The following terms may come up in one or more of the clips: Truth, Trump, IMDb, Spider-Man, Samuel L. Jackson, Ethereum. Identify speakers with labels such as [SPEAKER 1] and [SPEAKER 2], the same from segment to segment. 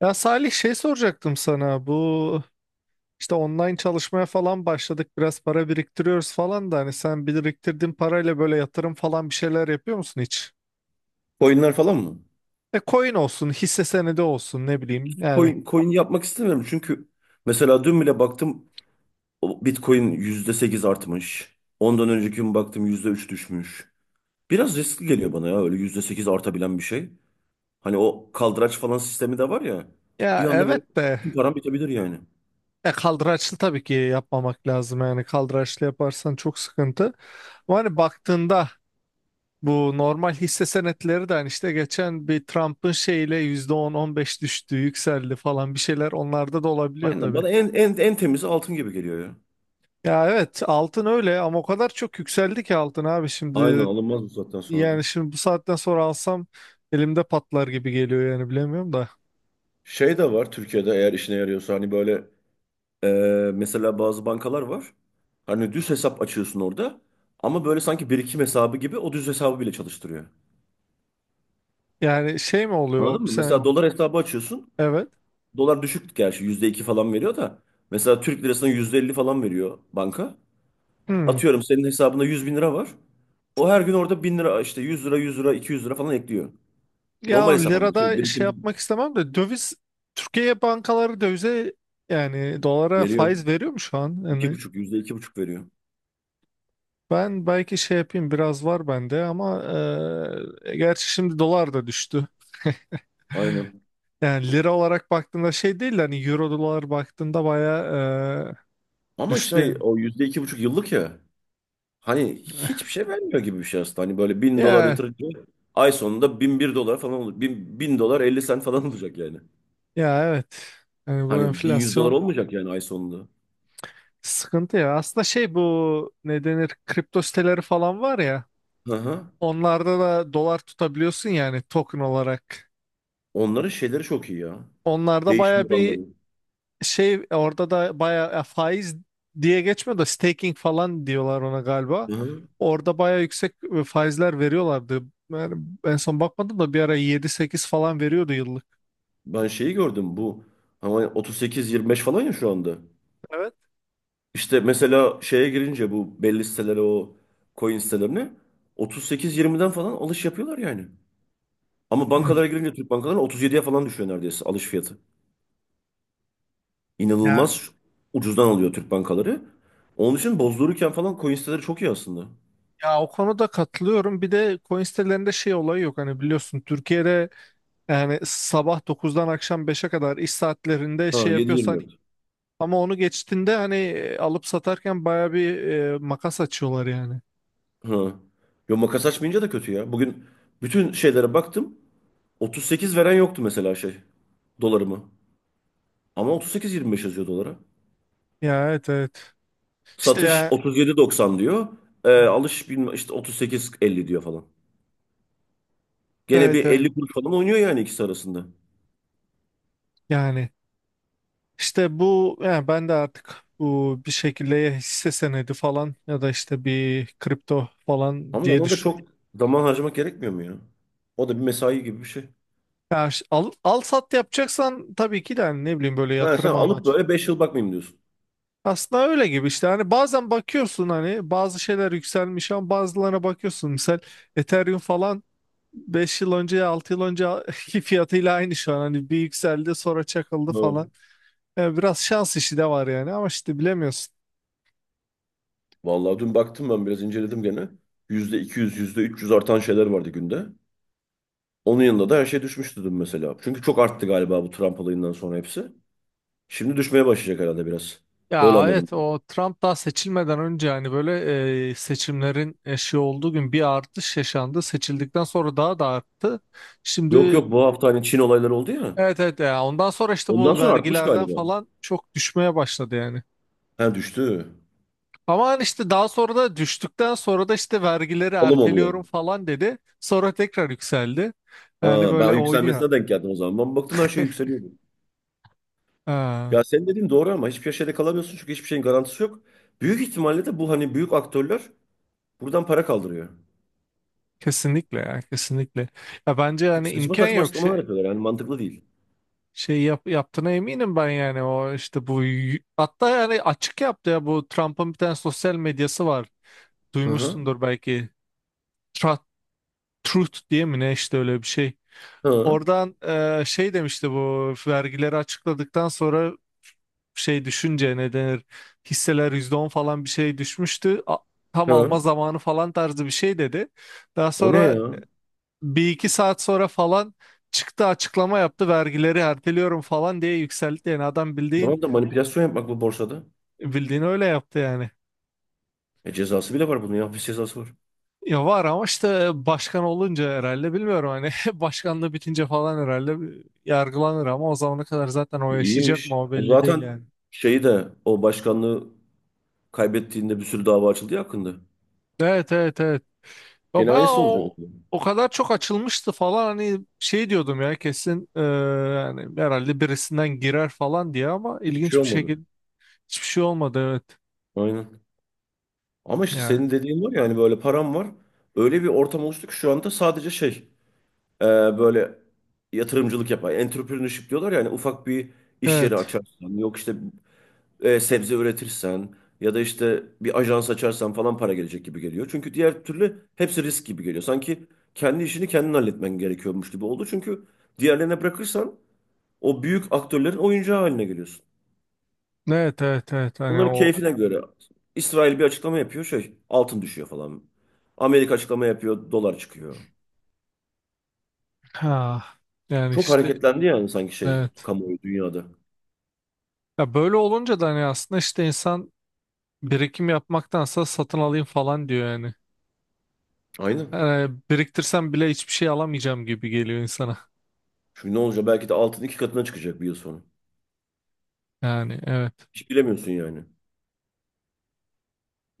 [SPEAKER 1] Ya Salih, şey soracaktım sana. Bu işte online çalışmaya falan başladık, biraz para biriktiriyoruz falan da, hani sen biriktirdiğin parayla böyle yatırım falan bir şeyler yapıyor musun hiç?
[SPEAKER 2] Coinler falan mı?
[SPEAKER 1] E, coin olsun hisse senedi olsun, ne bileyim yani.
[SPEAKER 2] Coin yapmak istemiyorum çünkü mesela dün bile baktım o Bitcoin %8 artmış. Ondan önceki gün baktım %3 düşmüş. Biraz riskli geliyor bana ya öyle %8 artabilen bir şey. Hani o kaldıraç falan sistemi de var ya. Bir
[SPEAKER 1] Ya
[SPEAKER 2] anda böyle
[SPEAKER 1] evet de
[SPEAKER 2] bütün param bitebilir yani.
[SPEAKER 1] kaldıraçlı tabii ki yapmamak lazım, yani kaldıraçlı yaparsan çok sıkıntı. Ama hani baktığında bu normal hisse senetleri de hani işte geçen bir Trump'ın şeyle %10-15 düştü yükseldi falan, bir şeyler onlarda da olabiliyor.
[SPEAKER 2] Aynen, bana en temizi altın gibi geliyor ya.
[SPEAKER 1] Ya evet, altın öyle ama o kadar çok yükseldi ki altın abi
[SPEAKER 2] Aynen
[SPEAKER 1] şimdi.
[SPEAKER 2] alınmaz bu zaten sonra da.
[SPEAKER 1] Yani şimdi bu saatten sonra alsam elimde patlar gibi geliyor, yani bilemiyorum da.
[SPEAKER 2] Şey de var Türkiye'de eğer işine yarıyorsa hani böyle mesela bazı bankalar var. Hani düz hesap açıyorsun orada. Ama böyle sanki birikim hesabı gibi o düz hesabı bile çalıştırıyor.
[SPEAKER 1] Yani şey mi oluyor
[SPEAKER 2] Anladın mı? Mesela
[SPEAKER 1] sen?
[SPEAKER 2] dolar hesabı açıyorsun.
[SPEAKER 1] Evet.
[SPEAKER 2] Dolar düşük gerçi %2 falan veriyor da. Mesela Türk lirasına %50 falan veriyor banka.
[SPEAKER 1] Hmm.
[SPEAKER 2] Atıyorum senin hesabında 100.000 lira var. O her gün orada 1.000 lira işte 100 lira 100 lira 200 lira falan ekliyor. Normal
[SPEAKER 1] Ya
[SPEAKER 2] hesap ama şey
[SPEAKER 1] lirada şey
[SPEAKER 2] birikim değil.
[SPEAKER 1] yapmak istemem de, döviz, Türkiye bankaları dövize, yani dolara
[SPEAKER 2] Veriyor.
[SPEAKER 1] faiz veriyor mu şu an?
[SPEAKER 2] İki
[SPEAKER 1] Yani
[SPEAKER 2] buçuk, yüzde iki buçuk veriyor.
[SPEAKER 1] ben belki şey yapayım, biraz var bende ama gerçi şimdi dolar da düştü.
[SPEAKER 2] Aynen.
[SPEAKER 1] Yani lira olarak baktığında şey değil de, hani euro dolar baktığında baya
[SPEAKER 2] Ama
[SPEAKER 1] düştü
[SPEAKER 2] şey
[SPEAKER 1] yani.
[SPEAKER 2] o %2,5 yıllık ya. Hani hiçbir şey vermiyor gibi bir şey aslında. Hani böyle 1.000 dolar
[SPEAKER 1] Ya,
[SPEAKER 2] yatırınca ay sonunda 1.001 dolar falan olacak. Bin dolar elli sen falan olacak yani.
[SPEAKER 1] ya, evet. Yani bu
[SPEAKER 2] Hani 1.100 dolar
[SPEAKER 1] enflasyon
[SPEAKER 2] olmayacak yani ay sonunda.
[SPEAKER 1] sıkıntı ya. Aslında şey, bu ne denir, kripto siteleri falan var ya.
[SPEAKER 2] Hı hı.
[SPEAKER 1] Onlarda da dolar tutabiliyorsun yani, token olarak.
[SPEAKER 2] Onların şeyleri çok iyi ya.
[SPEAKER 1] Onlarda
[SPEAKER 2] Değişim
[SPEAKER 1] baya bir
[SPEAKER 2] oranları.
[SPEAKER 1] şey, orada da baya faiz diye geçmiyor da staking falan diyorlar ona galiba.
[SPEAKER 2] Hı hı.
[SPEAKER 1] Orada baya yüksek faizler veriyorlardı. Yani en son bakmadım da, bir ara 7-8 falan veriyordu yıllık.
[SPEAKER 2] Ben şeyi gördüm bu. Ama 38-25 falan ya şu anda.
[SPEAKER 1] Evet.
[SPEAKER 2] İşte mesela şeye girince, bu belli sitelere, o coin sitelerine 38-20'den falan alış yapıyorlar yani. Ama
[SPEAKER 1] Hmm.
[SPEAKER 2] bankalara girince Türk bankalarına 37'ye falan düşüyor neredeyse alış fiyatı.
[SPEAKER 1] Ya
[SPEAKER 2] İnanılmaz ucuzdan alıyor Türk bankaları. Onun için bozdururken falan coin siteleri çok iyi aslında.
[SPEAKER 1] Ya o konuda katılıyorum. Bir de coin sitelerinde şey olayı yok. Hani biliyorsun Türkiye'de, yani sabah 9'dan akşam 5'e kadar iş saatlerinde
[SPEAKER 2] Ha,
[SPEAKER 1] şey yapıyorsan,
[SPEAKER 2] 7.24.
[SPEAKER 1] ama onu geçtiğinde hani alıp satarken baya bir makas açıyorlar yani.
[SPEAKER 2] Ha. Yo, makas açmayınca da kötü ya. Bugün bütün şeylere baktım. 38 veren yoktu mesela şey. Dolarımı. Ama 38,25 yazıyor dolara.
[SPEAKER 1] Ya evet, evet. İşte
[SPEAKER 2] Satış
[SPEAKER 1] ya,
[SPEAKER 2] 37,90 diyor. Alış bilmem işte 38,50 diyor falan. Gene
[SPEAKER 1] evet,
[SPEAKER 2] bir
[SPEAKER 1] evet.
[SPEAKER 2] 50 kuruş falan oynuyor yani ikisi arasında.
[SPEAKER 1] Yani işte bu, yani ben de artık bu bir şekilde ya hisse senedi falan ya da işte bir kripto falan
[SPEAKER 2] Ama
[SPEAKER 1] diye
[SPEAKER 2] ona da çok
[SPEAKER 1] düşünüyorum.
[SPEAKER 2] zaman harcamak gerekmiyor mu ya? O da bir mesai gibi bir şey.
[SPEAKER 1] Ya, al sat yapacaksan tabii ki de, hani ne bileyim, böyle
[SPEAKER 2] Ha, sen
[SPEAKER 1] yatırım
[SPEAKER 2] alıp
[SPEAKER 1] amaçlı.
[SPEAKER 2] böyle 5 yıl bakmayayım diyorsun.
[SPEAKER 1] Aslında öyle gibi işte, hani bazen bakıyorsun hani bazı şeyler yükselmiş, ama bazılarına bakıyorsun, misal Ethereum falan, 5 yıl önce, 6 yıl önceki fiyatıyla aynı şu an, hani bir yükseldi sonra çakıldı
[SPEAKER 2] Ha.
[SPEAKER 1] falan. Yani biraz şans işi de var yani, ama işte bilemiyorsun.
[SPEAKER 2] Vallahi dün baktım, ben biraz inceledim gene. Yüzde 200, yüzde 300 artan şeyler vardı günde. Onun yanında da her şey düşmüştü dün mesela. Çünkü çok arttı galiba bu Trump olayından sonra hepsi. Şimdi düşmeye başlayacak herhalde biraz. Öyle
[SPEAKER 1] Ya evet,
[SPEAKER 2] anladım.
[SPEAKER 1] o Trump daha seçilmeden önce hani böyle seçimlerin eşiği olduğu gün bir artış yaşandı. Seçildikten sonra daha da arttı.
[SPEAKER 2] Yok
[SPEAKER 1] Şimdi.
[SPEAKER 2] yok, bu hafta hani Çin olayları oldu ya.
[SPEAKER 1] Evet, evet, ya ondan sonra işte
[SPEAKER 2] Ondan
[SPEAKER 1] bu
[SPEAKER 2] sonra artmış
[SPEAKER 1] vergilerden
[SPEAKER 2] galiba.
[SPEAKER 1] falan çok düşmeye başladı yani.
[SPEAKER 2] Ha, düştü.
[SPEAKER 1] Ama hani işte daha sonra da, düştükten sonra da, işte vergileri
[SPEAKER 2] Alım oluyor.
[SPEAKER 1] erteliyorum falan dedi. Sonra tekrar yükseldi. Yani
[SPEAKER 2] Ha, ben
[SPEAKER 1] böyle oynuyor.
[SPEAKER 2] yükselmesine denk geldim o zaman. Ben baktım her şey yükseliyordu.
[SPEAKER 1] Ha,
[SPEAKER 2] Ya senin dediğin doğru ama hiçbir şeyde kalamıyorsun çünkü hiçbir şeyin garantisi yok. Büyük ihtimalle de bu hani büyük aktörler buradan para kaldırıyor.
[SPEAKER 1] kesinlikle ya, kesinlikle. Ya bence
[SPEAKER 2] Çünkü
[SPEAKER 1] yani
[SPEAKER 2] saçma
[SPEAKER 1] imkan
[SPEAKER 2] saçma
[SPEAKER 1] yok
[SPEAKER 2] açıklamalar yapıyorlar yani mantıklı değil.
[SPEAKER 1] yaptığına eminim ben, yani o işte bu hatta yani açık yaptı ya, bu Trump'ın bir tane sosyal medyası var.
[SPEAKER 2] Hı hı.
[SPEAKER 1] Duymuşsundur belki. Tra- Truth diye mi ne işte, öyle bir şey.
[SPEAKER 2] Hı.
[SPEAKER 1] Oradan şey demişti, bu vergileri açıkladıktan sonra, şey düşünce ne denir, hisseler %10 falan bir şey düşmüştü. Tam
[SPEAKER 2] Hı.
[SPEAKER 1] alma zamanı falan tarzı bir şey dedi. Daha
[SPEAKER 2] O ne
[SPEAKER 1] sonra
[SPEAKER 2] ya?
[SPEAKER 1] bir iki saat sonra falan çıktı, açıklama yaptı, vergileri erteliyorum falan diye yükseltti. Yani adam bildiğin
[SPEAKER 2] Tamam da manipülasyon yapmak bu borsada.
[SPEAKER 1] bildiğini öyle yaptı yani.
[SPEAKER 2] E, cezası bile var bunun ya. Hapis cezası var.
[SPEAKER 1] Ya var ama işte başkan olunca herhalde, bilmiyorum hani, başkanlığı bitince falan herhalde yargılanır, ama o zamana kadar zaten o
[SPEAKER 2] E,
[SPEAKER 1] yaşayacak mı,
[SPEAKER 2] iyiymiş.
[SPEAKER 1] o
[SPEAKER 2] O
[SPEAKER 1] belli değil
[SPEAKER 2] zaten
[SPEAKER 1] yani.
[SPEAKER 2] şeyi de, o başkanlığı kaybettiğinde bir sürü dava açıldı ya hakkında.
[SPEAKER 1] Evet, evet, evet. Ya
[SPEAKER 2] Gene
[SPEAKER 1] ben
[SPEAKER 2] aynısı olacak.
[SPEAKER 1] o kadar çok açılmıştı falan, hani şey diyordum ya, kesin yani herhalde birisinden girer falan diye, ama
[SPEAKER 2] Hiçbir şey
[SPEAKER 1] ilginç bir
[SPEAKER 2] olmadı.
[SPEAKER 1] şekilde hiçbir şey olmadı, evet.
[SPEAKER 2] Aynen. Ama işte
[SPEAKER 1] Yani
[SPEAKER 2] senin dediğin var ya, hani böyle param var. Öyle bir ortam oluştu ki şu anda sadece şey, e, böyle yatırımcılık yapar. Entrepreneurship diyorlar ya, hani ufak bir iş yeri
[SPEAKER 1] evet.
[SPEAKER 2] açarsan. Yok işte, sebze üretirsen ya da işte bir ajans açarsan falan para gelecek gibi geliyor. Çünkü diğer türlü hepsi risk gibi geliyor. Sanki kendi işini kendin halletmen gerekiyormuş gibi oldu. Çünkü diğerlerine bırakırsan o büyük aktörlerin oyuncağı haline geliyorsun.
[SPEAKER 1] Evet, evet, evet, hani
[SPEAKER 2] Onların
[SPEAKER 1] o,
[SPEAKER 2] keyfine göre İsrail bir açıklama yapıyor, şey, altın düşüyor falan. Amerika açıklama yapıyor, dolar çıkıyor.
[SPEAKER 1] ha, yani
[SPEAKER 2] Çok
[SPEAKER 1] işte
[SPEAKER 2] hareketlendi yani, sanki şey
[SPEAKER 1] evet.
[SPEAKER 2] kamuoyu dünyada.
[SPEAKER 1] Ya böyle olunca da, hani aslında işte insan birikim yapmaktansa satın alayım falan diyor yani.
[SPEAKER 2] Aynen.
[SPEAKER 1] Yani biriktirsem bile hiçbir şey alamayacağım gibi geliyor insana.
[SPEAKER 2] Çünkü ne olacak, belki de altın iki katına çıkacak 1 yıl sonra.
[SPEAKER 1] Yani evet.
[SPEAKER 2] Hiç bilemiyorsun yani.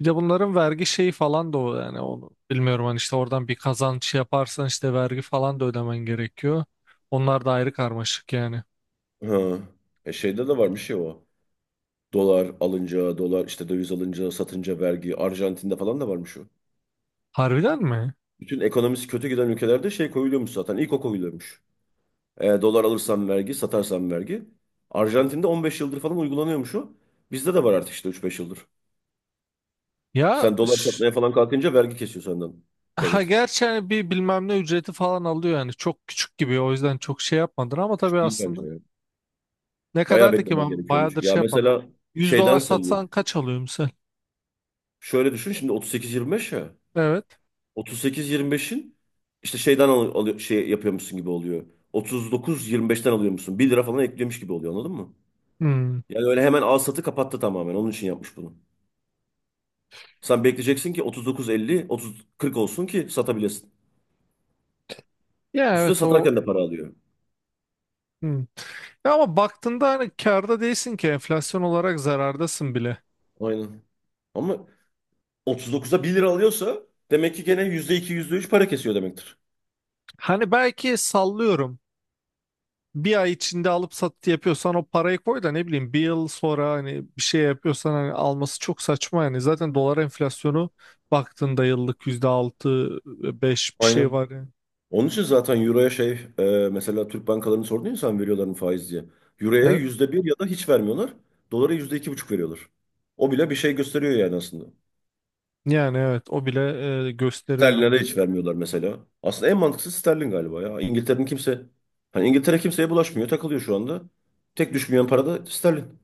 [SPEAKER 1] Bir de bunların vergi şeyi falan da o, yani onu bilmiyorum, hani işte oradan bir kazanç yaparsan işte vergi falan da ödemen gerekiyor. Onlar da ayrı karmaşık yani.
[SPEAKER 2] Ha. E, şeyde de var bir şey o. Dolar alınca, dolar işte döviz alınca, satınca vergi. Arjantin'de falan da varmış o.
[SPEAKER 1] Harbiden mi?
[SPEAKER 2] Bütün ekonomisi kötü giden ülkelerde şey koyuluyormuş zaten. İlk o koyuluyormuş. E, dolar alırsan vergi, satarsan vergi. Arjantin'de 15 yıldır falan uygulanıyormuş o. Bizde de var artık işte 3-5 yıldır.
[SPEAKER 1] Ya
[SPEAKER 2] Sen dolar satmaya falan kalkınca vergi kesiyor senden
[SPEAKER 1] ha,
[SPEAKER 2] devlet.
[SPEAKER 1] gerçi hani bir bilmem ne ücreti falan alıyor yani, çok küçük gibi, o yüzden çok şey yapmadın ama tabii,
[SPEAKER 2] Şu değil bence
[SPEAKER 1] aslında
[SPEAKER 2] ya.
[SPEAKER 1] ne
[SPEAKER 2] Bayağı
[SPEAKER 1] kadardı ki,
[SPEAKER 2] beklemen
[SPEAKER 1] ben
[SPEAKER 2] gerekiyor onu.
[SPEAKER 1] bayağıdır
[SPEAKER 2] Ya
[SPEAKER 1] şey yapmadım.
[SPEAKER 2] mesela
[SPEAKER 1] 100
[SPEAKER 2] şeyden
[SPEAKER 1] dolar
[SPEAKER 2] sayıyor.
[SPEAKER 1] satsan kaç alıyor misal?
[SPEAKER 2] Şöyle düşün şimdi, 38-25 ya.
[SPEAKER 1] Evet.
[SPEAKER 2] 38-25'in işte, şeyden alıyor, şey yapıyormuşsun gibi oluyor. 39-25'ten alıyormuşsun. Bir lira falan ekliyormuş gibi oluyor, anladın mı?
[SPEAKER 1] Hmm.
[SPEAKER 2] Yani öyle hemen al satı kapattı tamamen. Onun için yapmış bunu. Sen bekleyeceksin ki 39-50, 30-40 olsun ki satabilesin.
[SPEAKER 1] Ya
[SPEAKER 2] Üstüne
[SPEAKER 1] evet o,
[SPEAKER 2] satarken de para alıyor.
[SPEAKER 1] hmm. Ya ama baktığında hani karda değilsin ki, enflasyon olarak zarardasın bile.
[SPEAKER 2] Aynen. Ama 39'a bir lira alıyorsa demek ki gene %2, yüzde üç para kesiyor demektir.
[SPEAKER 1] Hani belki sallıyorum. Bir ay içinde alıp satı yapıyorsan, o parayı koy da ne bileyim bir yıl sonra hani bir şey yapıyorsan, hani alması çok saçma yani. Zaten dolar enflasyonu baktığında yıllık %6-5 bir
[SPEAKER 2] Aynen.
[SPEAKER 1] şey var yani.
[SPEAKER 2] Onun için zaten Euro'ya şey, e, mesela Türk bankalarını sordun ya sen, veriyorlar mı faiz diye. Euro'ya
[SPEAKER 1] E,
[SPEAKER 2] %1 ya da hiç vermiyorlar. Dolara %2,5 veriyorlar. O bile bir şey gösteriyor yani aslında.
[SPEAKER 1] yani evet, o bile gösteriyor
[SPEAKER 2] Sterlin'e de
[SPEAKER 1] dediğin gibi.
[SPEAKER 2] hiç vermiyorlar mesela. Aslında en mantıklısı sterlin galiba ya. İngiltere'nin kimse, hani İngiltere kimseye bulaşmıyor, takılıyor şu anda. Tek düşmeyen para da sterlin.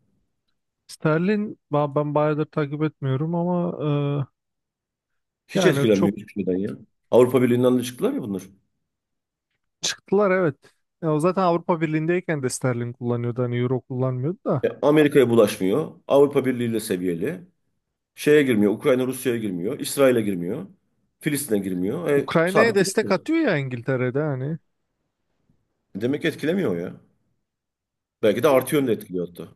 [SPEAKER 1] Sterlin ben bayağıdır takip etmiyorum, ama
[SPEAKER 2] Hiç
[SPEAKER 1] yani çok,
[SPEAKER 2] etkilenmiyor hiçbir şeyden ya. Avrupa Birliği'nden de çıktılar ya bunlar.
[SPEAKER 1] çıktılar evet. Ya o zaten Avrupa Birliği'ndeyken de sterlin kullanıyordu, hani euro kullanmıyordu da.
[SPEAKER 2] E, Amerika'ya bulaşmıyor. Avrupa Birliği ile seviyeli. Şeye girmiyor. Ukrayna Rusya'ya girmiyor. İsrail'e girmiyor. Filistin'e girmiyor. E,
[SPEAKER 1] Ukrayna'ya
[SPEAKER 2] sabit
[SPEAKER 1] destek
[SPEAKER 2] duruyor.
[SPEAKER 1] atıyor ya İngiltere'de hani.
[SPEAKER 2] Demek ki etkilemiyor ya. Belki de artı yönde etkiliyor hatta.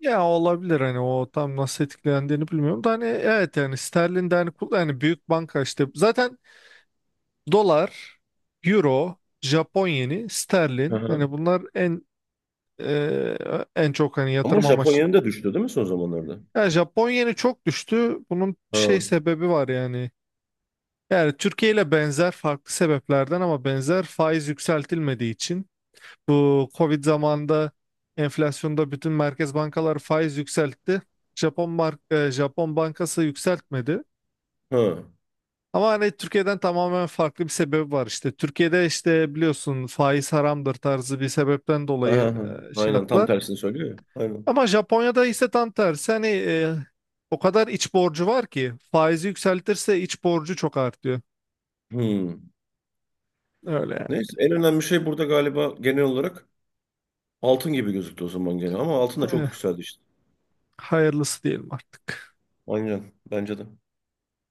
[SPEAKER 1] Ya olabilir, hani o tam nasıl etkilendiğini bilmiyorum da, hani evet, yani sterlin de hani yani büyük banka işte zaten dolar, euro, Japon yeni,
[SPEAKER 2] Hı
[SPEAKER 1] sterlin,
[SPEAKER 2] hı.
[SPEAKER 1] hani bunlar en en çok hani
[SPEAKER 2] Ama
[SPEAKER 1] yatırım amaçlı
[SPEAKER 2] Japonya'nın
[SPEAKER 1] kul-.
[SPEAKER 2] da düştü değil mi son zamanlarda?
[SPEAKER 1] Yani Japon yeni çok düştü. Bunun şey
[SPEAKER 2] Ha,
[SPEAKER 1] sebebi var yani. Yani Türkiye ile benzer, farklı sebeplerden ama benzer, faiz yükseltilmediği için. Bu Covid zamanında enflasyonda bütün merkez bankalar faiz yükseltti. Japon bankası yükseltmedi.
[SPEAKER 2] ha, aha,
[SPEAKER 1] Ama hani Türkiye'den tamamen farklı bir sebep var işte. Türkiye'de işte biliyorsun faiz haramdır tarzı bir sebepten dolayı
[SPEAKER 2] aha.
[SPEAKER 1] şey
[SPEAKER 2] Aynen, tam
[SPEAKER 1] yaptılar.
[SPEAKER 2] tersini söylüyor ya. Aynen.
[SPEAKER 1] Ama Japonya'da ise tam tersi, hani o kadar iç borcu var ki, faizi yükseltirse iç borcu çok artıyor.
[SPEAKER 2] Hmm.
[SPEAKER 1] Öyle.
[SPEAKER 2] Neyse, en önemli şey burada galiba, genel olarak altın gibi gözüktü o zaman gene. Ama altın da
[SPEAKER 1] Yani.
[SPEAKER 2] çok
[SPEAKER 1] Eh,
[SPEAKER 2] yükseldi işte.
[SPEAKER 1] hayırlısı diyelim artık.
[SPEAKER 2] Aynen, bence de.